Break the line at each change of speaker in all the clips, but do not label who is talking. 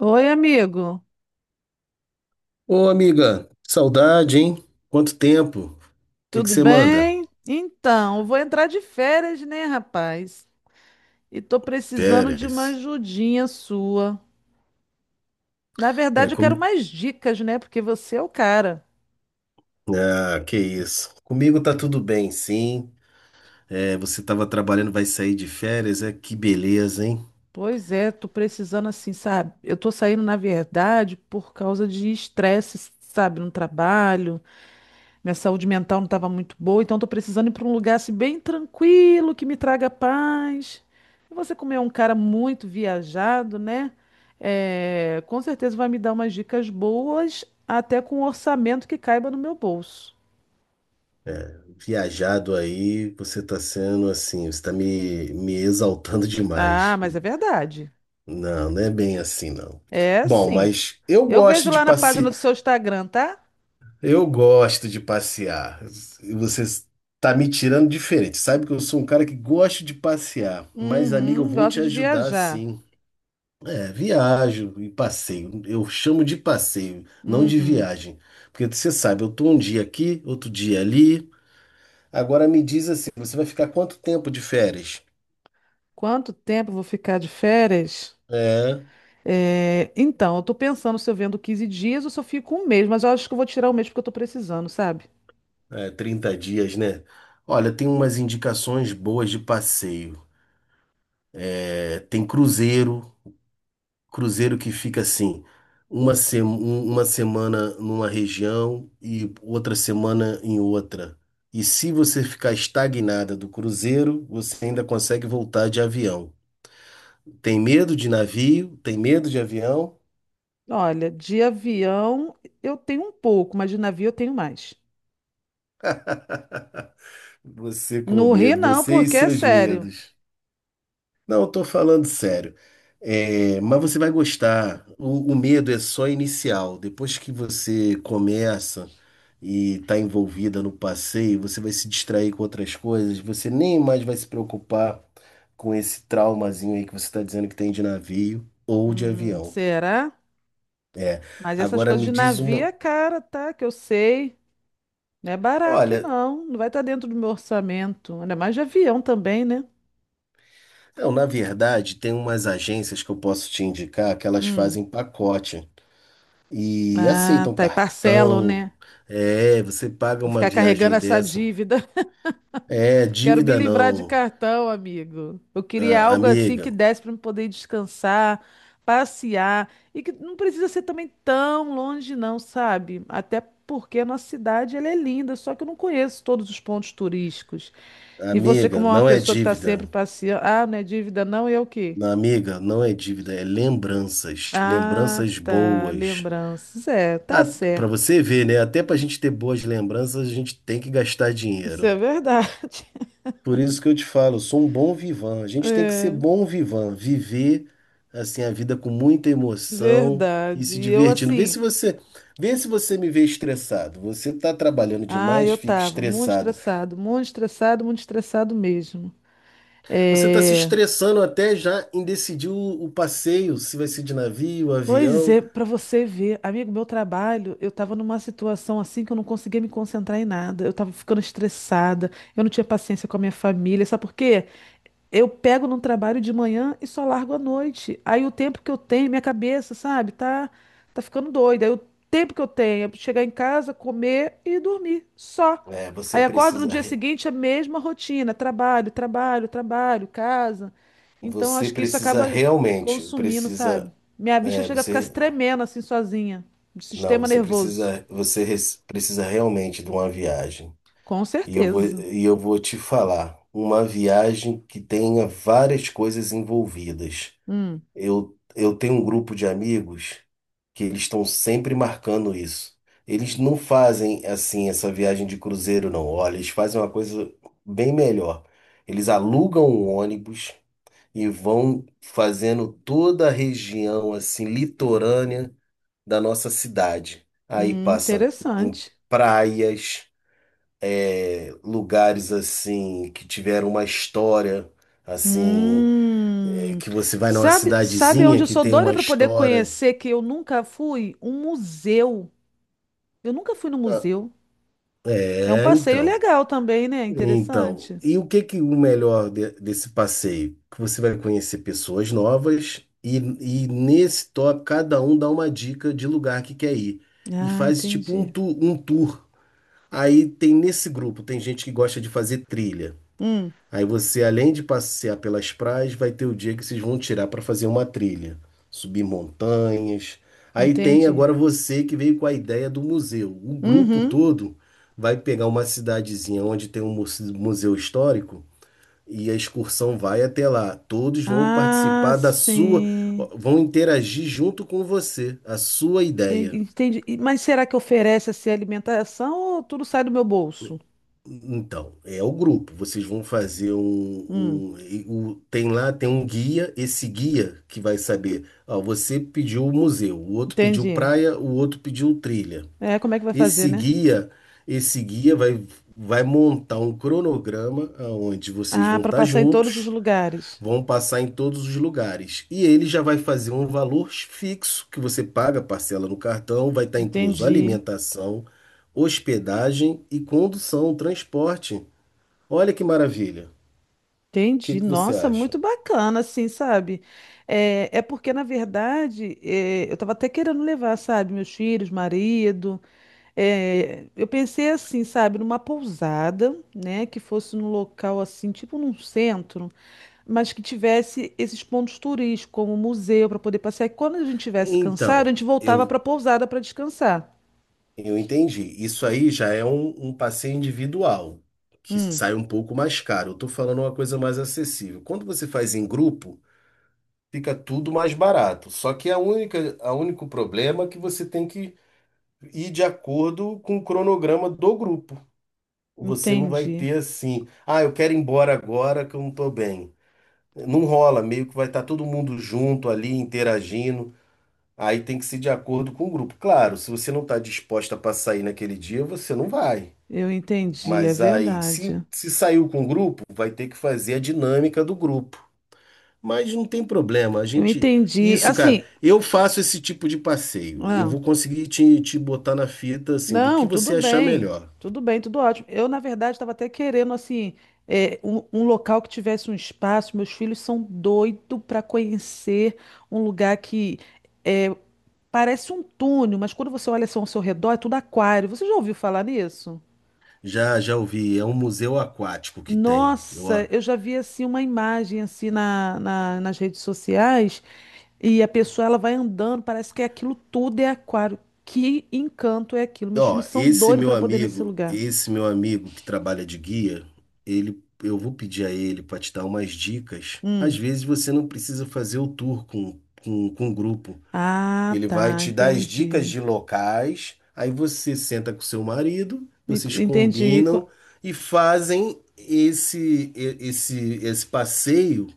Oi, amigo.
Ô, amiga, saudade, hein? Quanto tempo? O que que
Tudo
você manda?
bem? Então, eu vou entrar de férias, né, rapaz? E tô precisando de uma
Férias.
ajudinha sua. Na
É,
verdade, eu quero mais dicas, né? Porque você é o cara.
Ah, que isso. Comigo tá tudo bem, sim. É, você tava trabalhando, vai sair de férias, é? Que beleza, hein?
Pois é, tô precisando assim, sabe? Eu tô saindo, na verdade, por causa de estresse, sabe, no trabalho. Minha saúde mental não estava muito boa, então estou precisando ir para um lugar assim, bem tranquilo, que me traga paz. E você, como é um cara muito viajado, né? É, com certeza vai me dar umas dicas boas, até com um orçamento que caiba no meu bolso.
Viajado aí, você tá sendo assim, você tá me exaltando
Ah,
demais.
mas é verdade.
Não, não é bem assim, não.
É
Bom,
sim.
mas eu
Eu
gosto
vejo
de
lá na
passear.
página do seu Instagram, tá?
Eu gosto de passear. E você está me tirando diferente. Sabe que eu sou um cara que gosto de passear. Mas, amigo, eu
Uhum,
vou
gosto
te
de
ajudar
viajar.
sim. É, viajo e passeio. Eu chamo de passeio, não de
Uhum.
viagem. Porque você sabe, eu tô um dia aqui, outro dia ali. Agora me diz assim, você vai ficar quanto tempo de férias?
Quanto tempo eu vou ficar de férias?
É,
É, então, eu tô pensando se eu vendo 15 dias ou se eu fico um mês, mas eu acho que eu vou tirar um mês porque eu tô precisando, sabe?
é, 30 dias, né? Olha, tem umas indicações boas de passeio. É, tem cruzeiro. Cruzeiro que fica assim, uma, se- um- uma semana numa região e outra semana em outra. E se você ficar estagnada do cruzeiro, você ainda consegue voltar de avião. Tem medo de navio? Tem medo de avião?
Olha, de avião eu tenho um pouco, mas de navio eu tenho mais.
Você com
No Rio
medo,
não,
você e
porque é
seus
sério.
medos. Não, eu tô falando sério. É, mas você vai gostar. O medo é só inicial. Depois que você começa e está envolvida no passeio, você vai se distrair com outras coisas. Você nem mais vai se preocupar com esse traumazinho aí que você está dizendo que tem de navio ou de avião.
Será?
É.
Mas essas
Agora
coisas
me
de
diz
navio
uma.
é cara, tá? Que eu sei. Não é barato,
Olha,
não. Não vai estar dentro do meu orçamento. Ainda mais de avião também, né?
não, na verdade, tem umas agências que eu posso te indicar que elas
Hum.
fazem pacote. E
Ah,
aceitam
tá. E parcelam,
cartão.
né?
É, você paga
Vou
uma
ficar carregando
viagem
essa
dessa.
dívida.
É,
Quero me
dívida
livrar de
não.
cartão, amigo. Eu queria
Ah,
algo assim
amiga,
que desse para eu poder descansar, passear e que não precisa ser também tão longe, não, sabe? Até porque a nossa cidade ela é linda, só que eu não conheço todos os pontos turísticos. E você,
amiga,
como é uma
não é
pessoa que está sempre
dívida.
passeando, ah, não é dívida, não, e é o quê?
Não, amiga, não é dívida, é lembranças.
Ah,
Lembranças
tá,
boas.
lembranças. É, tá
Ah, para
certo.
você ver, né? Até pra gente ter boas lembranças, a gente tem que gastar
Isso é
dinheiro.
verdade.
Por isso que eu te falo, eu sou um bom vivan. A gente tem que ser bom vivan, viver assim a vida com muita emoção e
Verdade.
se
E eu
divertindo. Vê
assim.
se você, vê se você me vê estressado. Você está trabalhando
Ah,
demais,
eu
fica
tava muito
estressado.
estressado, muito estressado, muito estressado mesmo.
Você está se
É,
estressando até já em decidir o passeio, se vai ser de navio,
pois
avião.
é, pra você ver, amigo, meu trabalho, eu tava numa situação assim que eu não conseguia me concentrar em nada. Eu tava ficando estressada, eu não tinha paciência com a minha família, sabe por quê? Eu pego num trabalho de manhã e só largo à noite. Aí o tempo que eu tenho, minha cabeça, sabe, tá ficando doida. Aí o tempo que eu tenho é chegar em casa, comer e dormir, só.
É,
Aí acordo no dia seguinte, a mesma rotina, trabalho, trabalho, trabalho, casa. Então
você
acho que isso
precisa
acaba
realmente,
consumindo, sabe? Minha vista
é,
chega a ficar se
você,
tremendo assim sozinha, do
não,
sistema
você
nervoso.
precisa, você res- precisa realmente de uma viagem.
Com
E eu vou,
certeza.
e eu vou te falar, uma viagem que tenha várias coisas envolvidas.
Hum,
Eu tenho um grupo de amigos que eles estão sempre marcando isso. Eles não fazem assim essa viagem de cruzeiro, não. Olha, eles fazem uma coisa bem melhor. Eles alugam um ônibus e vão fazendo toda a região assim litorânea da nossa cidade. Aí passa em
interessante.
praias lugares assim que tiveram uma história assim é,
Hum,
que você vai numa
sabe onde
cidadezinha
eu
que
sou
tem
doida
uma
para poder
história.
conhecer que eu nunca fui? Um museu. Eu nunca fui no
Ah,
museu. É um
é
passeio
então
legal também, né?
então
Interessante.
e o que que o melhor desse passeio que você vai conhecer pessoas novas e nesse top cada um dá uma dica de lugar que quer ir e
Ah,
faz tipo um,
entendi.
tu, um tour. Aí tem nesse grupo tem gente que gosta de fazer trilha.
Hum,
Aí você, além de passear pelas praias, vai ter o dia que vocês vão tirar para fazer uma trilha, subir montanhas. Aí tem
entendi.
agora você que veio com a ideia do museu. O grupo
Uhum.
todo vai pegar uma cidadezinha onde tem um museu histórico e a excursão vai até lá. Todos vão
Ah,
participar da sua,
sim.
vão interagir junto com você, a sua
Eu
ideia.
entendi. Mas será que oferece essa alimentação ou tudo sai do meu bolso?
Então, é o grupo. Vocês vão fazer
Hum,
tem lá, tem um guia, esse guia que vai saber, ó, você pediu o museu, o outro pediu
entendi.
praia, o outro pediu trilha.
É, como é que vai fazer,
Esse
né?
guia, esse guia vai, montar um cronograma onde vocês
Ah,
vão
para
estar
passar em todos os
juntos,
lugares.
vão passar em todos os lugares. E ele já vai fazer um valor fixo que você paga, parcela no cartão, vai estar incluso
Entendi.
alimentação, hospedagem e condução, transporte. Olha que maravilha. O que
Entendi.
que você
Nossa,
acha?
muito bacana, assim, sabe? É porque, na verdade, é, eu tava até querendo levar, sabe, meus filhos, marido. É, eu pensei assim, sabe, numa pousada, né, que fosse num local assim, tipo num centro, mas que tivesse esses pontos turísticos, como museu, para poder passear. E quando a gente tivesse cansado, a
Então,
gente voltava para
eu,
a pousada para descansar.
eu entendi. Isso aí já é um passeio individual, que
Hum,
sai um pouco mais caro. Eu tô falando uma coisa mais acessível. Quando você faz em grupo, fica tudo mais barato. Só que a único problema é que você tem que ir de acordo com o cronograma do grupo. Você não vai
entendi.
ter assim, ah, eu quero ir embora agora que eu não tô bem. Não rola, meio que vai estar todo mundo junto ali, interagindo. Aí tem que ser de acordo com o grupo. Claro, se você não está disposta para sair naquele dia, você não vai.
Eu entendi, é
Mas aí, se,
verdade.
se saiu com o grupo, vai ter que fazer a dinâmica do grupo. Mas não tem problema, a
Eu
gente.
entendi.
Isso, cara,
Assim,
eu faço esse tipo de passeio. Eu
ah.
vou conseguir te botar na fita, assim, do que
Não,
você
tudo
achar
bem,
melhor.
tudo bem, tudo ótimo. Eu, na verdade, estava até querendo, assim, é, um local que tivesse um espaço. Meus filhos são doidos para conhecer um lugar que é, parece um túnel, mas quando você olha assim ao seu redor, é tudo aquário. Você já ouviu falar nisso?
Já, já ouvi, é um museu aquático que tem. Eu,
Nossa, eu já vi assim uma imagem assim nas redes sociais e a pessoa ela vai andando, parece que é aquilo tudo é aquário. Que encanto é aquilo? Meus
ó,
filhos são
esse
doidos
meu
para poder ir nesse
amigo,
lugar.
esse meu amigo que trabalha de guia, ele, eu vou pedir a ele para te dar umas dicas. Às
Hum.
vezes você não precisa fazer o tour com o grupo.
Ah,
Ele vai
tá,
te dar as dicas
entendi.
de locais, aí você senta com seu marido,
E-
vocês
Entendi. Co-
combinam e fazem esse e- esse esse passeio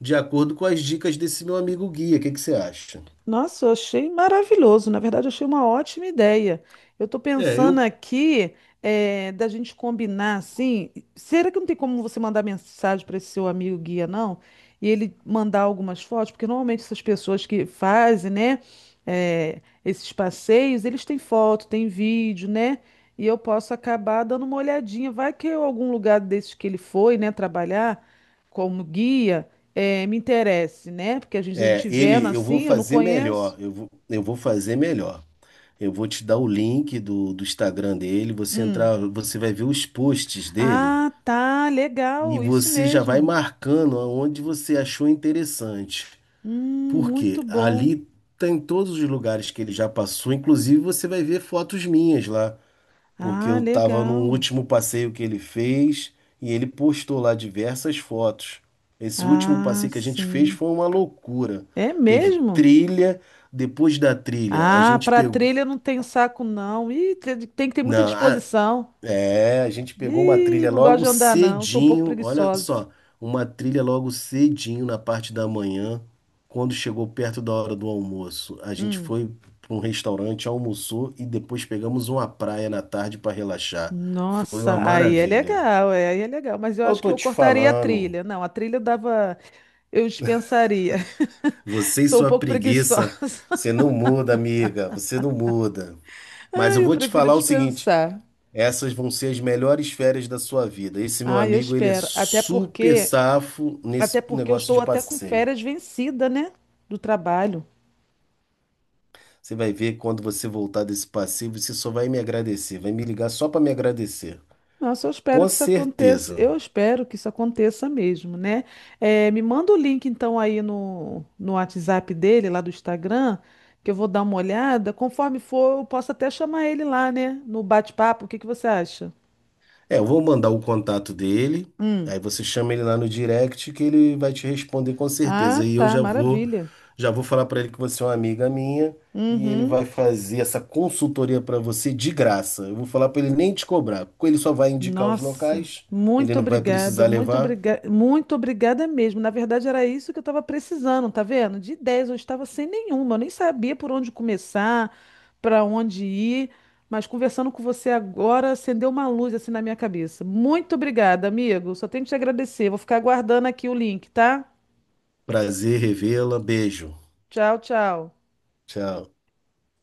de acordo com as dicas desse meu amigo guia. O que que você acha?
Nossa, eu achei maravilhoso. Na verdade, eu achei uma ótima ideia. Eu estou
É,
pensando
eu
aqui da gente combinar assim. Será que não tem como você mandar mensagem para esse seu amigo guia, não? E ele mandar algumas fotos? Porque normalmente essas pessoas que fazem, né, esses passeios, eles têm foto, têm vídeo, né? E eu posso acabar dando uma olhadinha. Vai que eu, algum lugar desses que ele foi, né, trabalhar como guia é, me interesse, né? Porque a gente, a
É,
gente vendo
ele, eu vou
assim, eu não
fazer melhor,
conheço.
eu vou fazer melhor. Eu vou te dar o link do Instagram dele, você
Hum.
entrar, você vai ver os posts dele
Ah, tá,
e
legal, isso
você já vai
mesmo.
marcando aonde você achou interessante. Porque
Muito bom.
ali tem todos os lugares que ele já passou, inclusive você vai ver fotos minhas lá porque
Ah,
eu estava no
legal.
último passeio que ele fez e ele postou lá diversas fotos. Esse último
Ah,
passeio que a gente fez
sim.
foi uma loucura.
É
Teve
mesmo?
trilha, depois da trilha, a
Ah,
gente
para
pegou.
trilha eu não tenho saco, não. Ih, tem que ter muita
Não,
disposição.
é, a gente pegou uma
Ih,
trilha
não gosto
logo
de andar, não. Sou um pouco
cedinho, olha
preguiçosa.
só, uma trilha logo cedinho na parte da manhã, quando chegou perto da hora do almoço. A gente
Hum.
foi para um restaurante, almoçou e depois pegamos uma praia na tarde para relaxar. Foi uma
Nossa, aí é
maravilha.
legal, é, aí é legal. Mas eu
Eu
acho que
tô
eu
te
cortaria a
falando,
trilha. Não, a trilha eu dava, eu dispensaria.
você e
Sou um
sua
pouco preguiçosa.
preguiça, você não muda, amiga, você não muda. Mas eu
Ai, eu
vou te
prefiro
falar o seguinte,
dispensar.
essas vão ser as melhores férias da sua vida. Esse meu
Ai, eu
amigo, ele é
espero.
super safo nesse
Até porque eu
negócio
estou
de
até com
passeio.
férias vencida, né? Do trabalho.
Você vai ver quando você voltar desse passeio, você só vai me agradecer, vai me ligar só para me agradecer.
Nossa, eu espero
Com
que isso aconteça.
certeza.
Eu espero que isso aconteça mesmo, né? É, me manda o link então aí no WhatsApp dele, lá do Instagram, que eu vou dar uma olhada. Conforme for, eu posso até chamar ele lá, né? No bate-papo. O que que você acha?
É, eu vou mandar o contato dele,
Hum.
aí você chama ele lá no direct que ele vai te responder com
Ah,
certeza.
tá, maravilha.
Já vou falar para ele que você é uma amiga minha e ele
Uhum.
vai fazer essa consultoria para você de graça. Eu vou falar para ele nem te cobrar, porque ele só vai indicar os
Nossa,
locais, ele
muito
não vai
obrigada,
precisar
muito
levar.
obrigada, muito obrigada mesmo. Na verdade, era isso que eu estava precisando, tá vendo? De ideias, eu estava sem nenhuma, eu nem sabia por onde começar, para onde ir, mas conversando com você agora acendeu uma luz assim na minha cabeça. Muito obrigada, amigo. Só tenho que te agradecer. Vou ficar aguardando aqui o link, tá?
Prazer revê-la, beijo.
Tchau, tchau.
Tchau.